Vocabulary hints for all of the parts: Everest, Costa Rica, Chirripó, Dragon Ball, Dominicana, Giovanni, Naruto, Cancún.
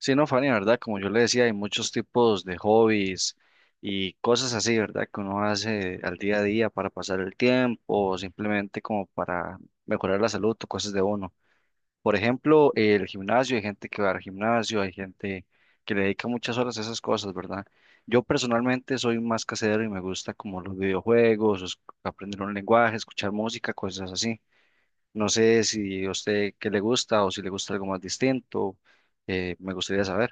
Sí, no, Fanny, ¿verdad? Como yo le decía, hay muchos tipos de hobbies y cosas así, ¿verdad? Que uno hace al día a día para pasar el tiempo o simplemente como para mejorar la salud o cosas de uno. Por ejemplo, el gimnasio, hay gente que va al gimnasio, hay gente que le dedica muchas horas a esas cosas, ¿verdad? Yo personalmente soy más casero y me gusta como los videojuegos, aprender un lenguaje, escuchar música, cosas así. No sé si a usted qué le gusta o si le gusta algo más distinto, me gustaría saber.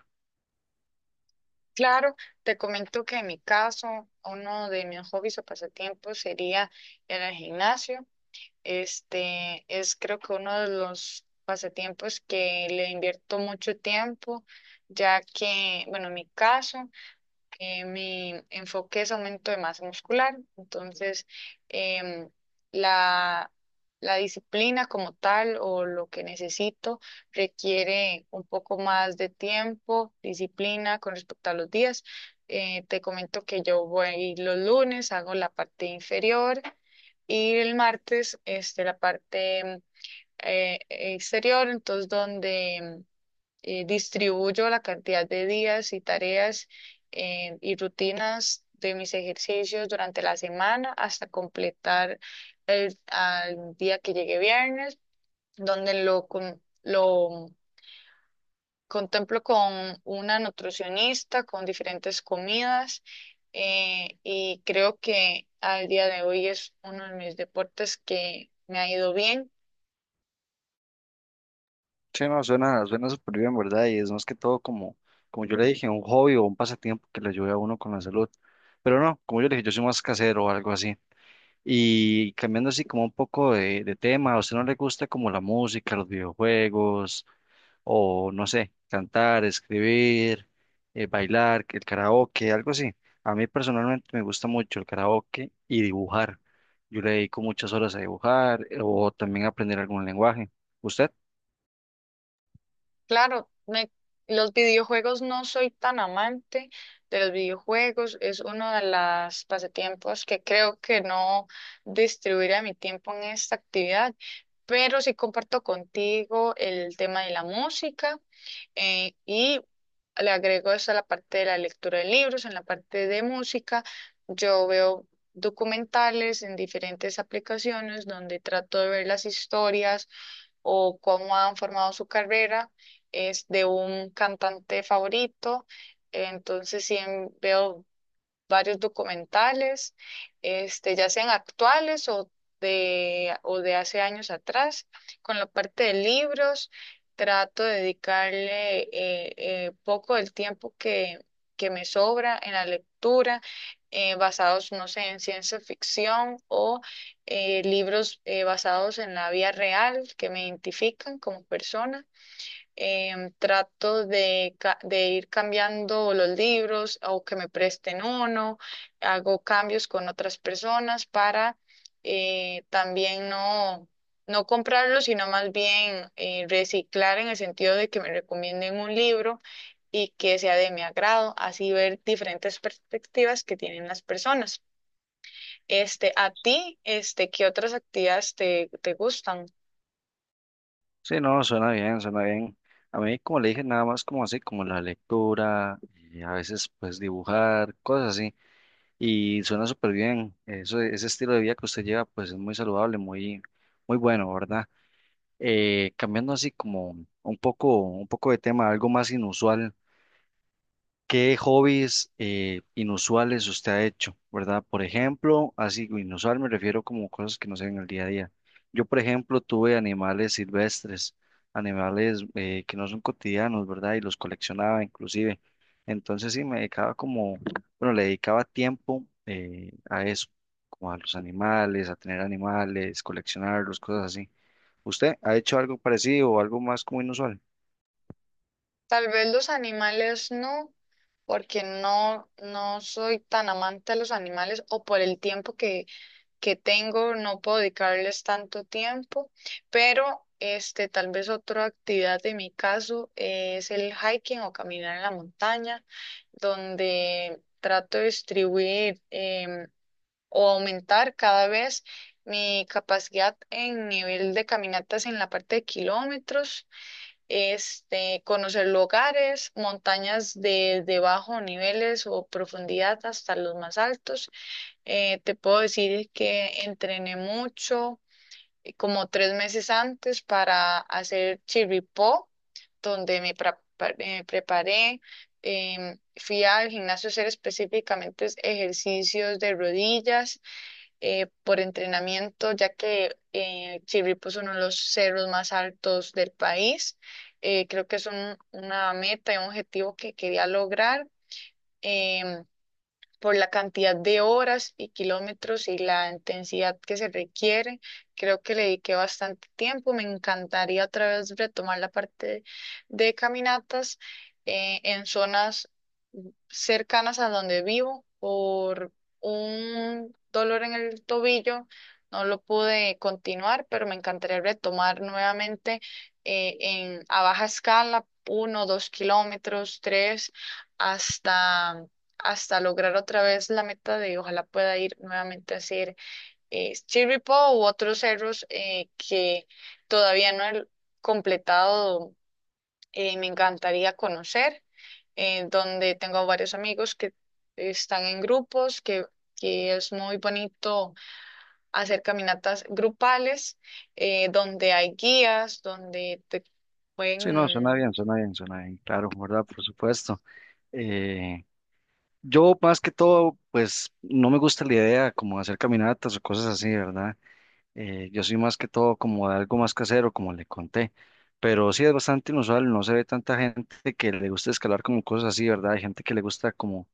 Claro, te comento que en mi caso, uno de mis hobbies o pasatiempos sería ir al gimnasio. Este es, creo que uno de los pasatiempos que le invierto mucho tiempo, ya que, bueno, en mi caso, mi enfoque es aumento de masa muscular. Entonces, em, la, la disciplina como tal o lo que necesito requiere un poco más de tiempo, disciplina con respecto a los días. Te comento que yo voy los lunes, hago la parte inferior, y el martes este, la parte exterior. Entonces, donde distribuyo la cantidad de días y tareas y rutinas de mis ejercicios durante la semana, hasta completar el al día que llegue viernes, donde lo contemplo con una nutricionista, con diferentes comidas. Y creo que al día de hoy es uno de mis deportes que me ha ido bien. Sí, no, suena súper bien, ¿verdad? Y es más que todo como, como yo le dije, un hobby o un pasatiempo que le ayude a uno con la salud. Pero no, como yo le dije, yo soy más casero o algo así. Y cambiando así como un poco de tema, ¿a usted no le gusta como la música, los videojuegos o no sé, cantar, escribir, bailar, el karaoke, algo así? A mí personalmente me gusta mucho el karaoke y dibujar. Yo le dedico muchas horas a dibujar o también a aprender algún lenguaje. ¿Usted? Claro, los videojuegos, no soy tan amante de los videojuegos, es uno de los pasatiempos que creo que no distribuiré mi tiempo en esta actividad. Pero sí comparto contigo el tema de la música, y le agrego eso a la parte de la lectura de libros. En la parte de música, yo veo documentales en diferentes aplicaciones, donde trato de ver las historias o cómo han formado su carrera, es de un cantante favorito. Entonces, sí, veo varios documentales, este, ya sean actuales o o de hace años atrás. Con la parte de libros, trato de dedicarle poco del tiempo que me sobra en la lectura, basados, no sé, en ciencia ficción o libros basados en la vida real, que me identifican como persona. Trato de, de ir cambiando los libros o que me presten uno, hago cambios con otras personas para también no comprarlo, sino más bien reciclar, en el sentido de que me recomienden un libro y que sea de mi agrado, así ver diferentes perspectivas que tienen las personas. Este, ¿a ti, este, qué otras actividades te, te gustan? Sí, no, suena bien, suena bien. A mí, como le dije, nada más como así, como la lectura, y a veces pues dibujar, cosas así, y suena súper bien. Eso, ese estilo de vida que usted lleva, pues es muy saludable, muy, muy bueno, ¿verdad? Cambiando así como un poco de tema, algo más inusual. ¿Qué hobbies inusuales usted ha hecho, verdad? Por ejemplo, así inusual me refiero como cosas que no se ven en el día a día. Yo, por ejemplo, tuve animales silvestres, animales que no son cotidianos, ¿verdad? Y los coleccionaba inclusive. Entonces sí, me dedicaba como, bueno, le dedicaba tiempo a eso, como a los animales, a tener animales, coleccionarlos, cosas así. ¿Usted ha hecho algo parecido o algo más como inusual? Tal vez los animales no, porque no, no soy tan amante de los animales, o por el tiempo que tengo no puedo dedicarles tanto tiempo. Pero este, tal vez otra actividad en mi caso es el hiking o caminar en la montaña, donde trato de distribuir, o aumentar cada vez mi capacidad en nivel de caminatas en la parte de kilómetros, este, conocer lugares, montañas de bajo niveles o profundidad hasta los más altos. Te puedo decir que entrené mucho, como tres meses antes, para hacer Chirripó, donde me preparé. Fui al gimnasio a hacer específicamente ejercicios de rodillas por entrenamiento, ya que Chirripó es uno de los cerros más altos del país. Creo que es una meta y un objetivo que quería lograr. Em, por la cantidad de horas y kilómetros y la intensidad que se requiere, creo que le dediqué bastante tiempo. Me encantaría otra vez retomar la parte de caminatas en zonas cercanas a donde vivo. Por un dolor en el tobillo no lo pude continuar, pero me encantaría retomar nuevamente a baja escala, uno, dos kilómetros, tres, hasta hasta lograr otra vez la meta de ojalá pueda ir nuevamente a hacer Chirripó u otros cerros que todavía no he completado. Me encantaría conocer, donde tengo varios amigos que están en grupos, que es muy bonito hacer caminatas grupales, donde hay guías, donde te Sí, no, suena pueden... bien, suena bien, suena bien, claro, ¿verdad? Por supuesto. Eh, yo más que todo, pues no me gusta la idea como de hacer caminatas o cosas así, ¿verdad? Yo soy más que todo como de algo más casero, como le conté, pero sí es bastante inusual, no se ve tanta gente que le gusta escalar como cosas así, ¿verdad? Hay gente que le gusta como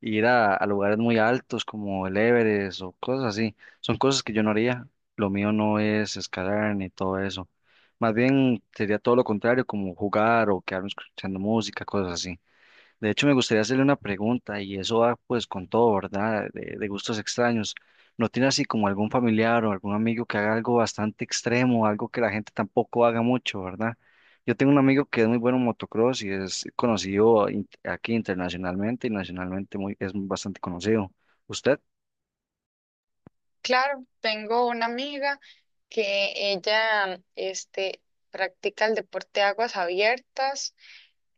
ir a lugares muy altos como el Everest o cosas así. Son cosas que yo no haría, lo mío no es escalar ni todo eso. Más bien sería todo lo contrario, como jugar o quedarme escuchando música, cosas así. De hecho, me gustaría hacerle una pregunta y eso va pues con todo, ¿verdad? De gustos extraños. ¿No tiene así como algún familiar o algún amigo que haga algo bastante extremo, algo que la gente tampoco haga mucho, ¿verdad? Yo tengo un amigo que es muy bueno en motocross y es conocido aquí internacionalmente y nacionalmente muy, es bastante conocido. ¿Usted? Claro, tengo una amiga que ella este, practica el deporte de aguas abiertas.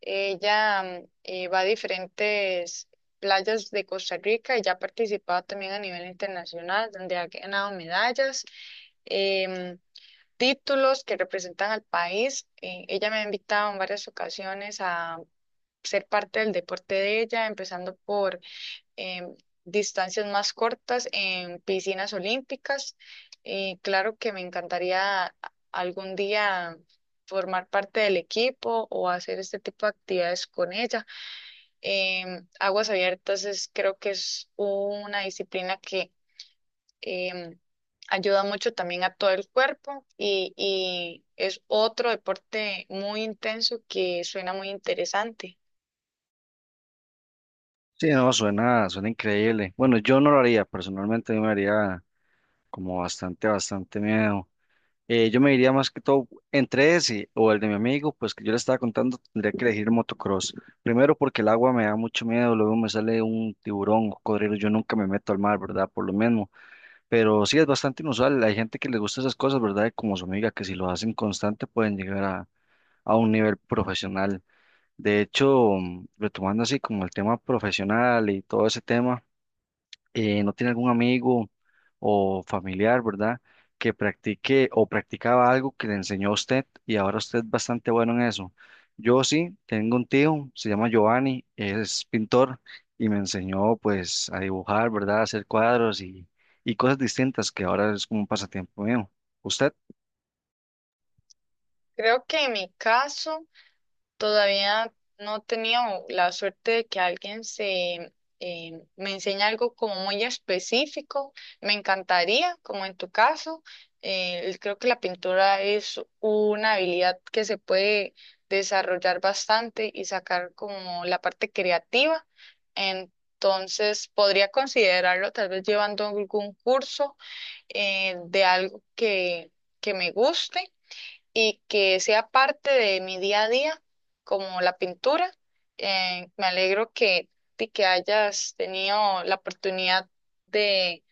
Ella va a diferentes playas de Costa Rica y ya ha participado también a nivel internacional, donde ha ganado medallas, em, títulos que representan al país. Ella me ha invitado en varias ocasiones a ser parte del deporte de ella, empezando por em, distancias más cortas en piscinas olímpicas. Y claro que me encantaría, algún día formar parte del equipo o hacer este tipo de actividades con ella. Aguas abiertas es, creo que es una disciplina que em, ayuda mucho también a todo el cuerpo, y es otro deporte muy intenso, que suena muy interesante. Sí, no, suena increíble. Bueno, yo no lo haría, personalmente a mí me haría como bastante, bastante miedo. Yo me diría más que todo entre ese o el de mi amigo, pues que yo le estaba contando, tendría que elegir motocross. Primero porque el agua me da mucho miedo, luego me sale un tiburón, un cocodrilo, yo nunca me meto al mar, ¿verdad? Por lo mismo. Pero sí es bastante inusual, hay gente que le gusta esas cosas, ¿verdad? Como su amiga, que si lo hacen constante pueden llegar a un nivel profesional. De hecho, retomando así como el tema profesional y todo ese tema no tiene algún amigo o familiar, ¿verdad? Que practique o practicaba algo que le enseñó a usted y ahora usted es bastante bueno en eso. Yo sí, tengo un tío, se llama Giovanni, es pintor y me enseñó pues a dibujar, ¿verdad? A hacer cuadros y cosas distintas que ahora es como un pasatiempo mío. Usted Creo que en mi caso... Todavía no he tenido la suerte de que alguien se me enseñe algo como muy específico. Me encantaría, como en tu caso. Creo que la pintura es una habilidad que se puede desarrollar bastante y sacar como la parte creativa. Entonces, podría considerarlo, tal vez llevando algún curso de algo que me guste y que sea parte de mi día a día, como la pintura. Me alegro de que hayas tenido la oportunidad de,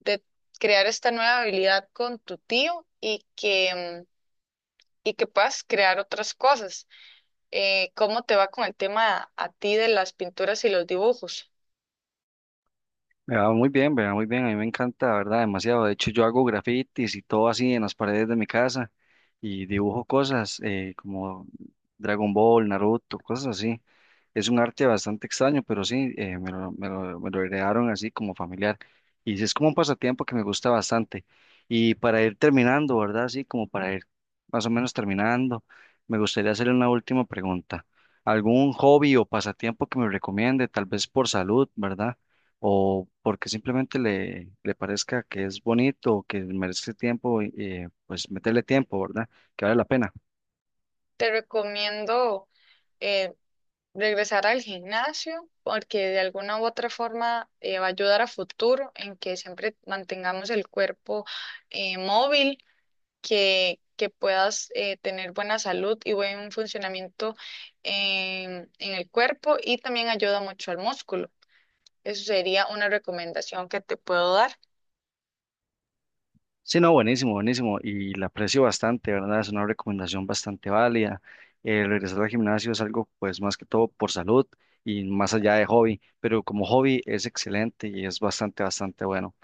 de crear esta nueva habilidad con tu tío y que, y que puedas crear otras cosas. ¿Cómo te va con el tema a, ti de las pinturas y los dibujos? me va muy bien, me va muy bien, a mí me encanta, ¿verdad? Demasiado. De hecho, yo hago grafitis y todo así en las paredes de mi casa. Y dibujo cosas como Dragon Ball, Naruto, cosas así. Es un arte bastante extraño, pero sí, me lo heredaron así como familiar. Y sí, es como un pasatiempo que me gusta bastante. Y para ir terminando, ¿verdad? Así como para ir más o menos terminando, me gustaría hacerle una última pregunta. ¿Algún hobby o pasatiempo que me recomiende, tal vez por salud, ¿verdad? O porque simplemente le parezca que es bonito, que merece tiempo, pues meterle tiempo, ¿verdad? Que vale la pena. Te recomiendo... eh, regresar al gimnasio, porque de alguna u otra forma va a ayudar a futuro en que siempre mantengamos el cuerpo móvil, que puedas tener buena salud y buen funcionamiento en el cuerpo, y también ayuda mucho al músculo. Eso sería una recomendación que te puedo dar. Sí, no, buenísimo, buenísimo. Y la aprecio bastante, ¿verdad? Es una recomendación bastante válida. Regresar al gimnasio es algo, pues, más que todo por salud y más allá de hobby. Pero como hobby es excelente y es bastante, bastante bueno.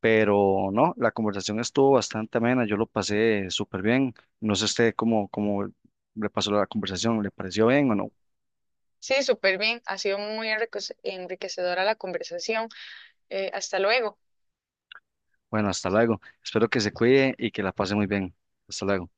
Pero no, la conversación estuvo bastante amena. Yo lo pasé súper bien. No sé usted cómo, cómo le pasó la conversación. ¿Le pareció bien o no? Sí, súper bien. Ha sido muy enriquecedora la conversación. Hasta luego. Bueno, hasta luego. Espero que se cuide y que la pase muy bien. Hasta luego.